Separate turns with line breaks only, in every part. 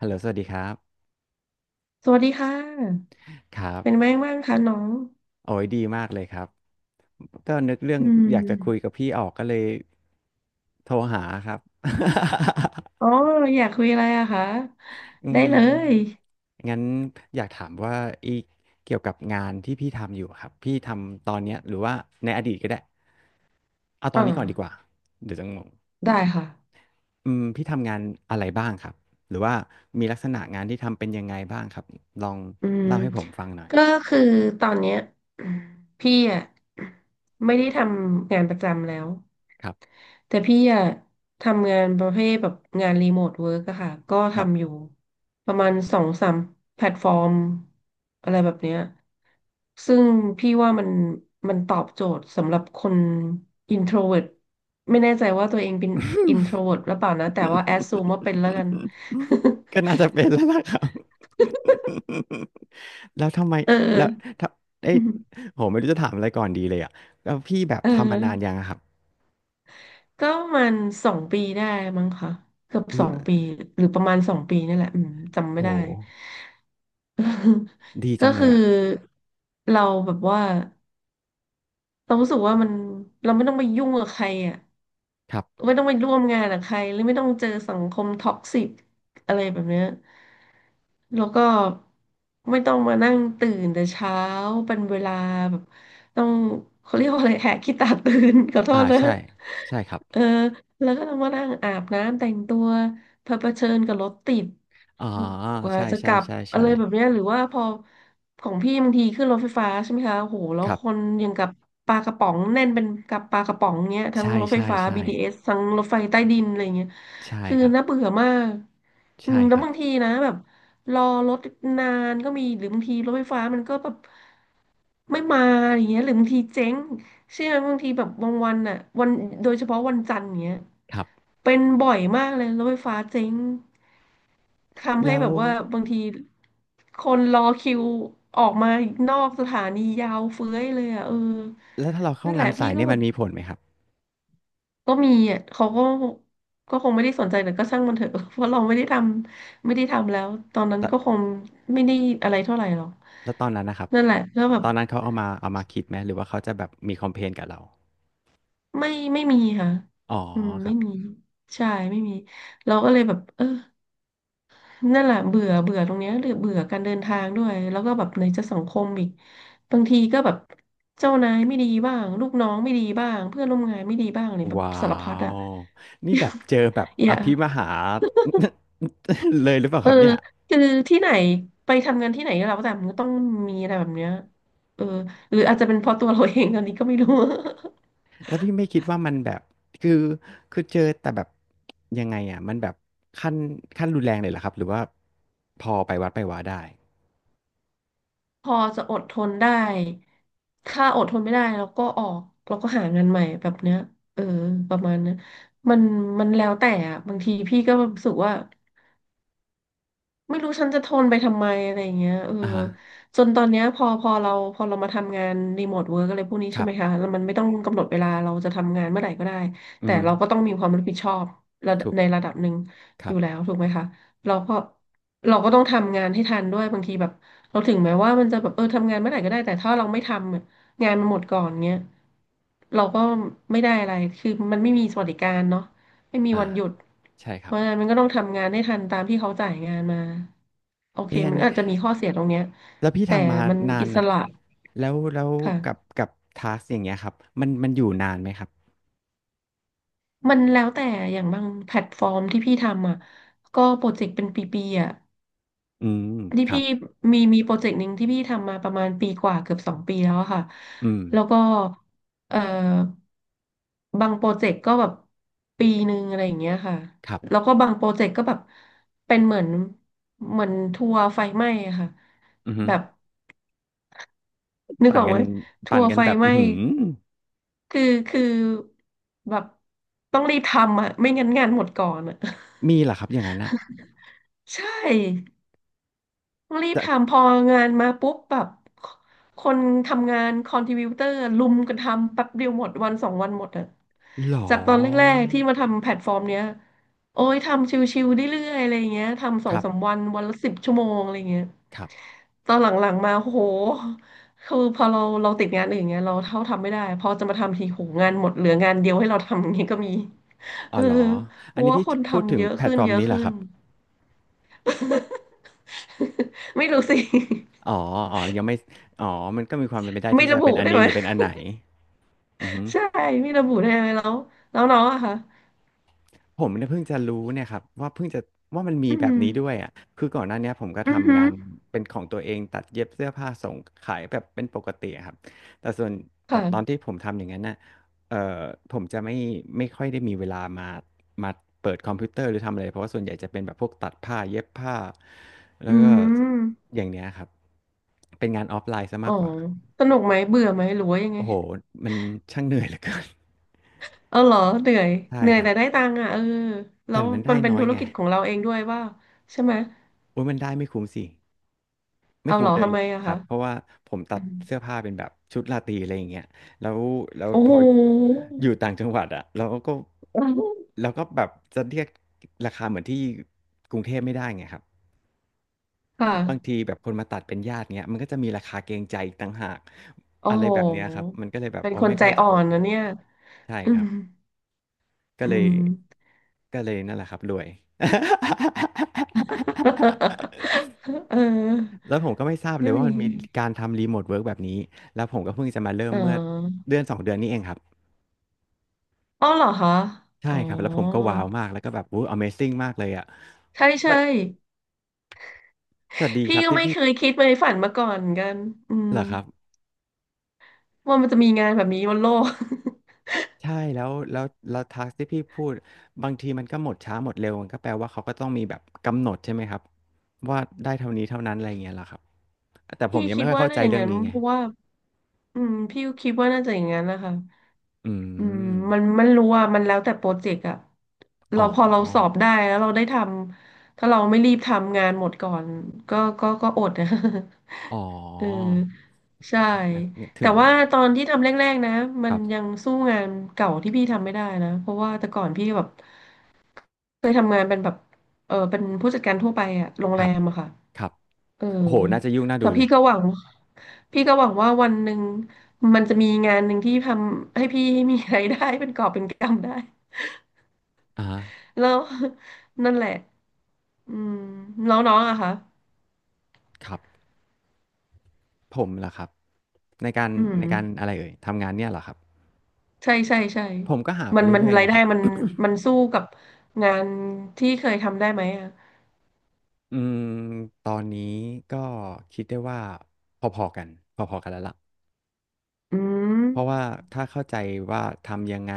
ฮัลโหลสวัสดีครับ
สวัสดีค่ะ
ครับ
เป็นไงบ้างคะน้อง
โอ้ยดีมากเลยครับก็นึกเรื่อง
อื
อยากจะคุย
ม
กับพี่ออกก็เลยโทรหาครับ
อ๋ออยากคุยอะไรอะคะ
อื
ได้
ม
เลย
งั้นอยากถามว่าอีกเกี่ยวกับงานที่พี่ทำอยู่ครับพี่ทำตอนเนี้ยหรือว่าในอดีตก็ได้เอาตอน
อ่า
นี้ก่อนดีกว่าเดี๋ยวจะงง
ได้ค่ะ
พี่ทำงานอะไรบ้างครับหรือว่ามีลักษณะงานที่ทำเป็นยังไงบ้างครับลอง
อืม
เล่าให้ผมฟังหน่อย
ก็คือตอนเนี้ย พี่อะไม่ได้ทำงานประจำแล้ว
คร
แต่พี่อะทำงานประเภทแบบงานรีโมทเวิร์กอะค่ะก็
ับ
ทำอยู่ประมาณสองสามแพลตฟอร์มอะไรแบบเนี้ยซึ่งพี่ว่ามันตอบโจทย์สำหรับคนอินโทรเวิร์ตไม่แน่ใจว่าตัวเองเป็นอินโทรเวิร์ตหรือเปล่านะแต่ว่าแอดซูมว่าเป็นแล้วกัน
ก็น่าจะเป็นแล้วล่ะครับ แล้วทำไม
เอ
แล้ว
อ
ถ้าเอ้ยโหไม่รู้จะถามอะไรก่อนดีเลยอ่ะแล้วพี่แบบ
เอ
ทำมานานยั
อ
งอะครับ
ก็ประมาณสองปีได้มั้งค่ะเกือบสองปีหรือประมาณสองปีนี่แหละอืมจำไม่
โห
ได้
ดีจั
ก็
งเลย
คือ
อ่ะ
เราแบบว่าเรารู้สึกว่ามันเราไม่ต้องไปยุ่งกับใครอ่ะ
ครับ
ไม่ต้องไปร่วมงานกับใครหรือไม่ต้องเจอสังคมท็อกซิกอะไรแบบเนี้ยแล้วก็ไม่ต้องมานั่งตื่นแต่เช้าเป็นเวลาแบบต้องเขาเรียกว่าอะไรแหกขี้ตาตื่น ขอโท
อ่า
ษนะ
ใช่ใช่ครับ
เออแล้วก็ต้องมานั่งอาบน้ำแต่งตัว เผเผชิญกับรถติด
อ๋อ
กว่า
ใช่
จะก
ใช่
ลับ
ใช่
อะ
ใช่
ไรแบบเนี้ยหรือว่าพอของพี่บางทีขึ้นรถไฟฟ้าใช่ไหมคะโอ้โหแล้
ค
ว
รั
คน
บ
อยังกับปลากระป๋องแน่นเป็นกับปลากระป๋องเนี้ยทั้ง
ใช่
รถไฟ
ใช่
ฟ้า
ใช่
BTS ทเอสทั้งรถไฟใต้ดินอะไรเงี้ย
ใช่
คือ
ครับ
น่าเบื่อมากอื
ใช่
มแล้
ค
ว
รับ
บางทีนะแบบรอรถนานก็มีหรือบางทีรถไฟฟ้ามันก็แบบไม่มาอย่างเงี้ยหรือบางทีเจ๊งเชื่อไหมบางทีแบบบางวันอ่ะวันโดยเฉพาะวันจันทร์เงี้ย
ครับ
เป็นบ่อยมากเลยรถไฟฟ้าเจ๊ง ทำให้
แล้ว
แบบว่าบางทีคนรอคิวออกมานอกสถานียาวเฟ้ยเลยอ่ะเออ
แล้วถ้าเราเข้า
นั่นแห
งา
ละ
นสา
พี่
ย
ก็
เนี่ย
แบ
มัน
บ
มีผลไหมครับ
ก็มีอ่ะเขาก็ก็คงไม่ได้สนใจแต่ก็ช่างมันเถอะ เพราะเราไม่ได้ทำแล้วตอนนั้นก็คงไม่ได้อะไรเท่าไหร่หรอก
แล้วตอนนั้นนะครับ
นั่นแหละแล้วแบ
ต
บ
อนนั้นเขาเอามาคิดไหมหรือว่าเขาจะแบบมีคอมเพลนกับเรา
ไม่ไม่มีค่ะ
อ๋อ
อืม
ครั
ไม่
บ
มีใช่ไม่มีเราก็เลยแบบเออ นั่นแหละเบื่อเบื่อตรงเนี้ยหรือเบื่อการเดินทางด้วยแล้วก็แบบไหนจะสังคมอีกบางทีก็แบบเจ้านายไม่ดีบ้างลูกน้องไม่ดีบ้างเพื่อนร่วมงานไม่ดีบ้างเนี่ยแบบ
ว้า
สารพัดอ่ะ
ว นี่แบบเจอแบบ
อ
อ
ย่า
ภิมหา เลยหรือเปล่า
เอ
ค
อ
รับเนี่ย
คือที่ไหนไปทำงานที่ไหนก็แล้วแต่มันก็ต้องมีอะไรแบบเนี้ยเออหรืออาจจะเป็นเพราะตัวเรา เองตอนนี้ก็ไม่รู้
แล้วพี่ไม่คิดว่ามันแบบคือคือเจอแต่แบบยังไงอ่ะมันแบบขั้นขั้นรุนแรงเลยเหรอครับหรือว่าพอไปวัดไปวาได้
พอจะอดทนได้ถ้าอดทนไม่ได้เราก็ออกเราก็หางานใหม่แบบเนี้ยเออประมาณนั้นมันมันแล้วแต่อะบางทีพี่ก็รู้สึกว่า ไม่รู้ฉันจะทนไปทำไมอะไรอย่างเงี้ยเออ
อ่าฮะ
จนตอนเนี้ยพอเรามาทำงานรีโมทเวิร์กอะไรพวกนี้
ค
ใช่
รั
ไหมคะ
บ
แล้วมันไม่ต้องกำหนดเวลาเราจะทำงานเมื่อไหร่ก็ได้
อือ
แต่
ฮึ
เราก็ต้องมีความรับผิดชอบระดับ
ถูก
ในระดับหนึ่ง
ค
อ
รั
ยู่แล้ว
บ
ถูกไหมคะเราก็เราก็ต้องทำงานให้ทันด้วยบางทีแบบเราถึงแม้ว่ามันจะแบบเออทำงานเมื่อไหร่ก็ได้แต่ถ้าเราไม่ทำอะงานมันหมดก่อนเงี้ยเราก็ไม่ได้อะไรคือมันไม่มีสวัสดิการเนาะ ไม่มี
อ่า
วันหยุด
ใช่ค
เพ
รับ
ราะฉะนั้นมันก็ต้องทำงานให้ทันตามที่เขาจ่ายงานมา โอเค
เอ๊ะอัน
มัน
นี้
อาจจะมีข้อเสียตรงเนี้ย
แล้วพี่
แต่
ทำมา
มัน
นา
อิ
น
ส
อะ
ระ
แล้วแล้ว
ค่ะ
กับทาสอย่างเงี้ยครับมันอยู่นานไหมครับ
มันแล้วแต่อย่างบางแพลตฟอร์มที่พี่ทำอ่ะก็โปรเจกต์เป็นปีๆอ่ะ
อืม
ที่
ครั
พี่
บ
มีโปรเจกต์หนึ่งที่พี่ทำมาประมาณปีกว่าเกือบสองปีแล้วอะค่ะ
อืม
แล้วก็เอ่อบางโปรเจกต์ก็แบบปีหนึ่งอะไรอย่างเงี้ยค่ะ
ครั
แล้
บ
วก็บางโปรเจกต์ก็แบบเป็นเหมือนทัวร์ไฟไหม้อะค่ะ
อือฮึ
แบบนึก
ปั่
อ
น
อก
กั
ไหม
น
ทั
ปั่น
วร์
กัน
ไฟ
แบบ
ไห
อื
ม้
อหือ
คือคือแบบต้องรีบทำอ่ะไม่งั้นงานหมดก่อนอ่ะ
มีเหรอครับอย่างนั้นอะ
ใช่ ต้องรีบ
แต่
ทำพองานมาปุ๊บแบบคนทำงานคอนทริบิวเตอร์ลุมกันทำแป๊บเดียวหมดวันสองวันหมดอะ
หรอ
จากตอนแรกๆที่มาทำแพลตฟอร์มเนี้ยโอ้ยทำชิวๆเรื่อยๆอะไรอย่างเงี้ยทำส
ค
อง
รับ
สามวันวันละ10 ชั่วโมงอะไรอย่างเงี้ย
ครับ
ตอนหลังๆมาโอ้โหคือพอเราติดงานอื่นเงี้ยเราเท่าทำไม่ได้พอจะมาทำทีโหงานหมดเหลืองานเดียวให้เราทำอย่างเงี้ยก็มี
อ๋
เอ
อ
อ
หรอ
เพ
อัน
ราะ
นี้
ว่า
พี่
คน
พูดถึ
ทำ
ง
เยอะ
แพลต
ขึ้น
ฟอร์ม
เยอะ
นี้เหรอ
ขึ้
ค
น
รับ
ไม่รู้สิ
อ๋ออ๋อยังไม่อ๋อมันก็มีความเป็นไปได้
ไม่
ที่จะ
ระ
เป็
บุ
นอัน
ได้
นี้
ไหม
หรือเป็นอันไหนอือฮึ
ใช่ไม่ระบุได้ไหมแล้วน้องอะค่ะ
ผมเนี่ยเพิ่งจะรู้เนี่ยครับว่าเพิ่งจะว่ามันมี
อื
แบบ
ม
นี้ด้วยอะคือก่อนหน้าเนี้ยผมก็
อือ
ทำ
ฮึ
งานเป็นของตัวเองตัดเย็บเสื้อผ้าส่งขายแบบเป็นปกติอะครับแต่ส่วนแต่ตอน
ค่ะ
ที่ผมทำอย่างนั้นน่ะเอ่อผมจะไม่ไม่ค่อยได้มีเวลามาเปิดคอมพิวเตอร์หรือทำอะไรเพราะว่าส่วนใหญ่จะเป็นแบบพวกตัดผ้าเย็บผ้าแล้
อื
วก็
ม
อย่างเนี้ยครับเป็นงานออฟไลน์ซะ
อ๋อ
มากกว่า
สนุกไหมเบื่อไหมหรือว่ายังไง
โอ้โหมันช่างเหนื่อยเหลือเกิน
เอาเหรอเหนื่อย
ใช่
เหนื่อ
ค
ย
รับ
แต่ได้ตังค์อ่ะเออแล้
แต่
ว
มัน
มั
ได้
นเป็น
น้อ
ธุ
ย
ร
ไง
กิจของเราเองด้วยว่าใช่ไหม
โอ้ยมันได้ไม่คุ้มสิ ไม่
เอา
คุ้
เหร
ม
อ
เลย
ทำ
แห
ไม
ละ
อะ
ครั
คะ
บ เพราะว่าผมตั
อื
ด
ม
เสื้อผ้าเป็นแบบชุดราตรีอะไรอย่างเงี้ยแล้ว
โอ้
พ
โห
ออยู่ต่างจังหวัดอ่ะเราก็แบบจะเรียกราคาเหมือนที่กรุงเทพไม่ได้ไงครับ
ค่ะ
บางทีแบบคนมาตัดเป็นญาติเงี้ยมันก็จะมีราคาเกรงใจอีกต่างหาก
โอ้
อะไร
โห
แบบเนี้ยครับมันก็เลยแบบ
เป็น
อ๋อ
คน
ไม่
ใจ
ค่อยจะ
อ่อ
โอ
น
เค
นะเนี่ย
ใช่
อื
ครั
ม
บก็
อื
เลย
ม
นั่นแหละครับรวย
เออ
แล้วผมก็ไม่ทราบเล
ก็
ยว่า
ดี
มันมีการทำรีโมทเวิร์กแบบนี้ แล้วผมก็เพิ่งจะมาเริ่ม
อ๋
เมื่อ
อ
เดือนสองเดือนนี้เองครับ
อ๋อเหรอคะ
ใช่
อ๋อ
ครับ แล้วผมก็ว้าวมาก แล้วก็แบบวู้ Amazing มากเลยอ่ะ
ใช่ใช่
ไม่แต่ดี
พี่
ครับ
ก็
ที่
ไม่
พี่
เคยคิดไปฝันมาก่อนเหมือนกันอืม
เหรอครับ
ว่ามันจะมีงานแบบนี้บนโลก
ใช่แล้วทักที่พี่พูดบางทีมันก็หมดช้าหมดเร็วมันก็แปลว่าเขาก็ต้องมีแบบกำหนดใช่ไหมครับว่าได้เท่านี้เท่านั้นอะไรอย่างเงี้ยเหรอครับแต่ ผม
พี่
ยัง
คิ
ไม่
ด
ค่อย
ว่า
เข้าใจ
น่าจะอย่าง
เรื่อง
นั้น
นี้ไง
เพราะว่าอืมพี่ก็คิดว่าน่าจะอย่างนั้นนะคะ
อื
อืม
ม
มันรู้ว่ามันแล้วแต่โปรเจกต์อะเรา
อ๋
พอเราสอ
อ
บได้แล้วเราได้ทำถ้าเราไม่รีบทำงานหมดก่อนก็อดนะ
อ๋อ
เออ ใช่
นะถึ
แต่
ง
ว่าตอนที่ทำแรกๆนะมั
ค
น
รั
ยั
บ
งสู้งานเก่าที่พี่ทำไม่ได้นะเพราะว่าแต่ก่อนพี่แบบเคยทำงานเป็นแบบเออเป็นผู้จัดการทั่วไปอะโรง
ค
แร
รับ
มอะค่ะ
ครับ
เออ
โอ้โห น่าจะยุ่งน่า
แต่
ดูเล
พี่
ย
ก็หวังพี่ก็หวังว่าวันหนึ่งมันจะมีงานหนึ่งที่ทำให้พี่มีรายได้ เป็นกอบเป็นกำได้
อ่า
แล้วนั่นแหละอืมแล้วน้องอะคะ
ครับ ผมเหรอครับในการ
อืม
อะไรเอ่ย ทำงานเนี่ยเหรอครับ
ใช่ใช่ใช่
ผมก็หาไป
มัน
เรื่อยๆ
ราย
นะค
ได้
รับ
มันมันสู้กับงานที่เคยทำได้ไหมอ่ะ
อืมตอนนี้ก็คิดได้ว่าพอๆกัน พอๆกันแล้วล่ะ
อืม
เพราะว่าถ้าเข้าใจว่าทำยังไง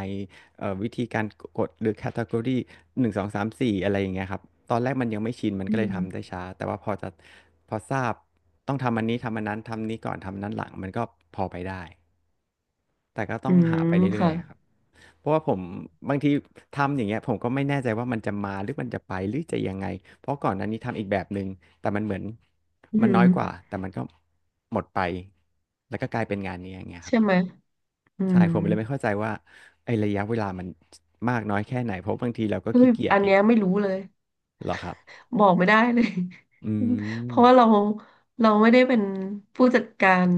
วิธีการกดหรือแคตตากรีหนึ่งสองสามสี่อะไรอย่างเงี้ยครับ ตอนแรกมันยังไม่ชินมัน
อื
ก็เลยทำได้
ม
ช้า แต่ว่าพอจะพอทราบต้องทำอันนี้ทำอันนั้นทำนี้ก่อนทำอันนั้นหลังมันก็พอไปได้แต่ก็ต้อ
อื
งหา
ม
ไปเรื่อย
ค่ะ
ๆครับ เพราะว่าผมบางทีทำอย่างเงี้ยผมก็ไม่แน่ใจว่ามันจะมาหรือมันจะไปหรือจะยังไง เพราะก่อนหน้านี้ทำอีกแบบหนึ่งแต่มันเหมือน
อื
มันน้
ม
อยกว่าแต่มันก็หมดไปแล้วก็กลายเป็นงานนี้อย่างเงี้ยครับ
ใช่ไหม อื
ใช่
ม
ผมเลยไม่เข้าใจว่าไอ้ระยะเวลามันมากน้อยแค่ไหนเพราะบางทีเราก็
เฮ้
ขี้
ย
เกียจ
อัน
เนี่ย
เนี้ยไม่รู้เลย
เหรอครับ
บอกไม่ได้เลย
อื
เพราะว่า
ม
เราไม่ได้เป็นผู้จัดการ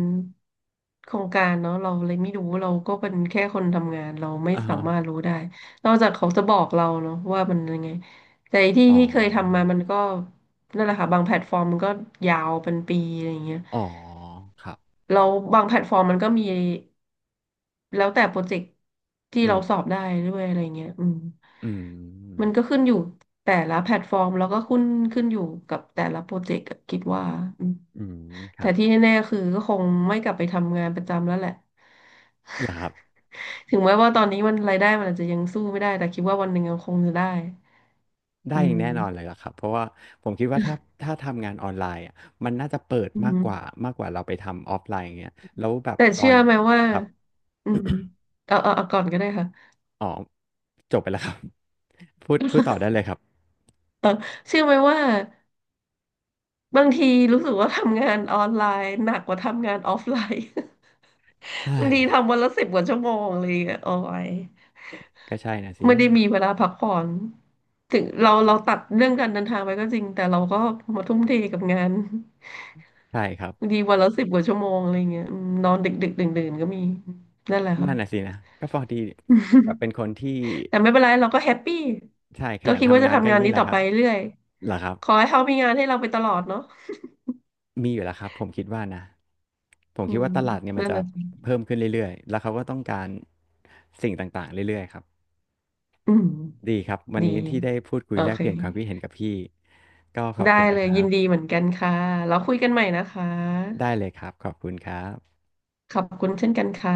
โครงการเนาะเราเลยไม่รู้เราก็เป็นแค่คนทำงานเราไม่
อ่า
สา
ฮะ
มารถรู้ได้นอกจากเขาจะบอกเราเนาะว่ามันยังไงแต่ที่
อ๋อ
ที่เคยทำมามันก็นั่นแหละค่ะบางแพลตฟอร์มมันก็ยาวเป็นปีอะไรอย่างเงี้ย
อ๋อครับ
เราบางแพลตฟอร์มมันก็มี แล้วแต่โปรเจกต์ที่
อื
เรา
ม
สอบได้ด้วยอะไรเงี้ยอืม
อืม
มันก็ขึ้นอยู่แต่ละแพลตฟอร์มแล้วก็ขึ้นอยู่กับแต่ละโปรเจกต์อะคิดว่าอืม
อืมค
แต่
รับ
ที่แน่ๆคือก็คงไม่กลับไปทำงานประจำแล้วแหละ
เหรอครับ
ถึงแม้ว่าตอนนี้มันรายได้มันอาจจะยังสู้ไม่ได้แต่คิดว่าวันหนึ่งมันคงจะได้อื
ได้อย่าง
ม
แน่นอนเลยล่ะครับเพราะว่าผมคิดว่าถ้าทำงานออนไลน์อะมันน่าจะเปิด
อื
มาก
ม
กว่ามากกว่าเราไปทำออฟไลน์อย่างเงี้ยแล้วแบบ
แต่
ตอ
เชื่
น
อไหมว่า
ครับ
อืมเอาก่อนก็ได้ค่ะ
อ๋อจบไปแล้วครับ พูดพูดต่อได้เลยครับ
เออเชื่อไหมว่า บางทีรู้สึกว่าทำงานออนไลน์หนักกว่าทำงานออฟไลน์
เฮ้
บาง
ย
ทีทำวันละสิบกว่าชั่วโมงเลยอะโอ้ย
ก็ใช่นะสิ
ไม่ได้มีเวลาพักผ่อนถึงเราตัดเรื่องการเดินทางไปก็จริงแต่เราก็มาทุ่มเทกับงาน
ใช่ครับ
บางทีวันละสิบกว่าชั่วโมงอะไรเงี้ยอืมนอนดึกดื่นดื่นๆก็มีนั่นแหละค่ะ
นั่นน่ะสินะก็พอดีแบบเป็ นคนที่
แต่ไม่เป็นไรเราก็แฮปปี้
ใช่ข
ก็
ยัน
คิดว่า
ทำ
จะ
งานก็
ทำ
อ
งา
ย่า
น
งนี้
นี้
แหละ
ต่อ
ครั
ไป
บ
เรื่อย
เหรอครับ
ขอให้เขามีงานให้เราไปตลอดเนาะ
มีอยู่แล้วครับผมคิดว่านะผม
อื
คิด
ม
ว่าตลาดเนี่ยมัน
นั่นแห
จะ
ละสิ
เพิ่มขึ้นเรื่อยๆแล้วเขาก็ต้องการสิ่งต่างๆเรื่อยๆครับ
อืม
ดีครับวัน
ดี
นี้ที่ได้พูดคุ
โอ
ยแลก
เค
เปลี่ยนความคิดเห็นกับพี่ก็ขอบ
ได้
คุณ
เล
นะค
ย
รั
ยินดีเห
บ
มือนกันค่ะแล้วคุยกันใหม่นะคะ
ได้เลยครับขอบคุณครับ
ขอบคุณเช่นกันค่ะ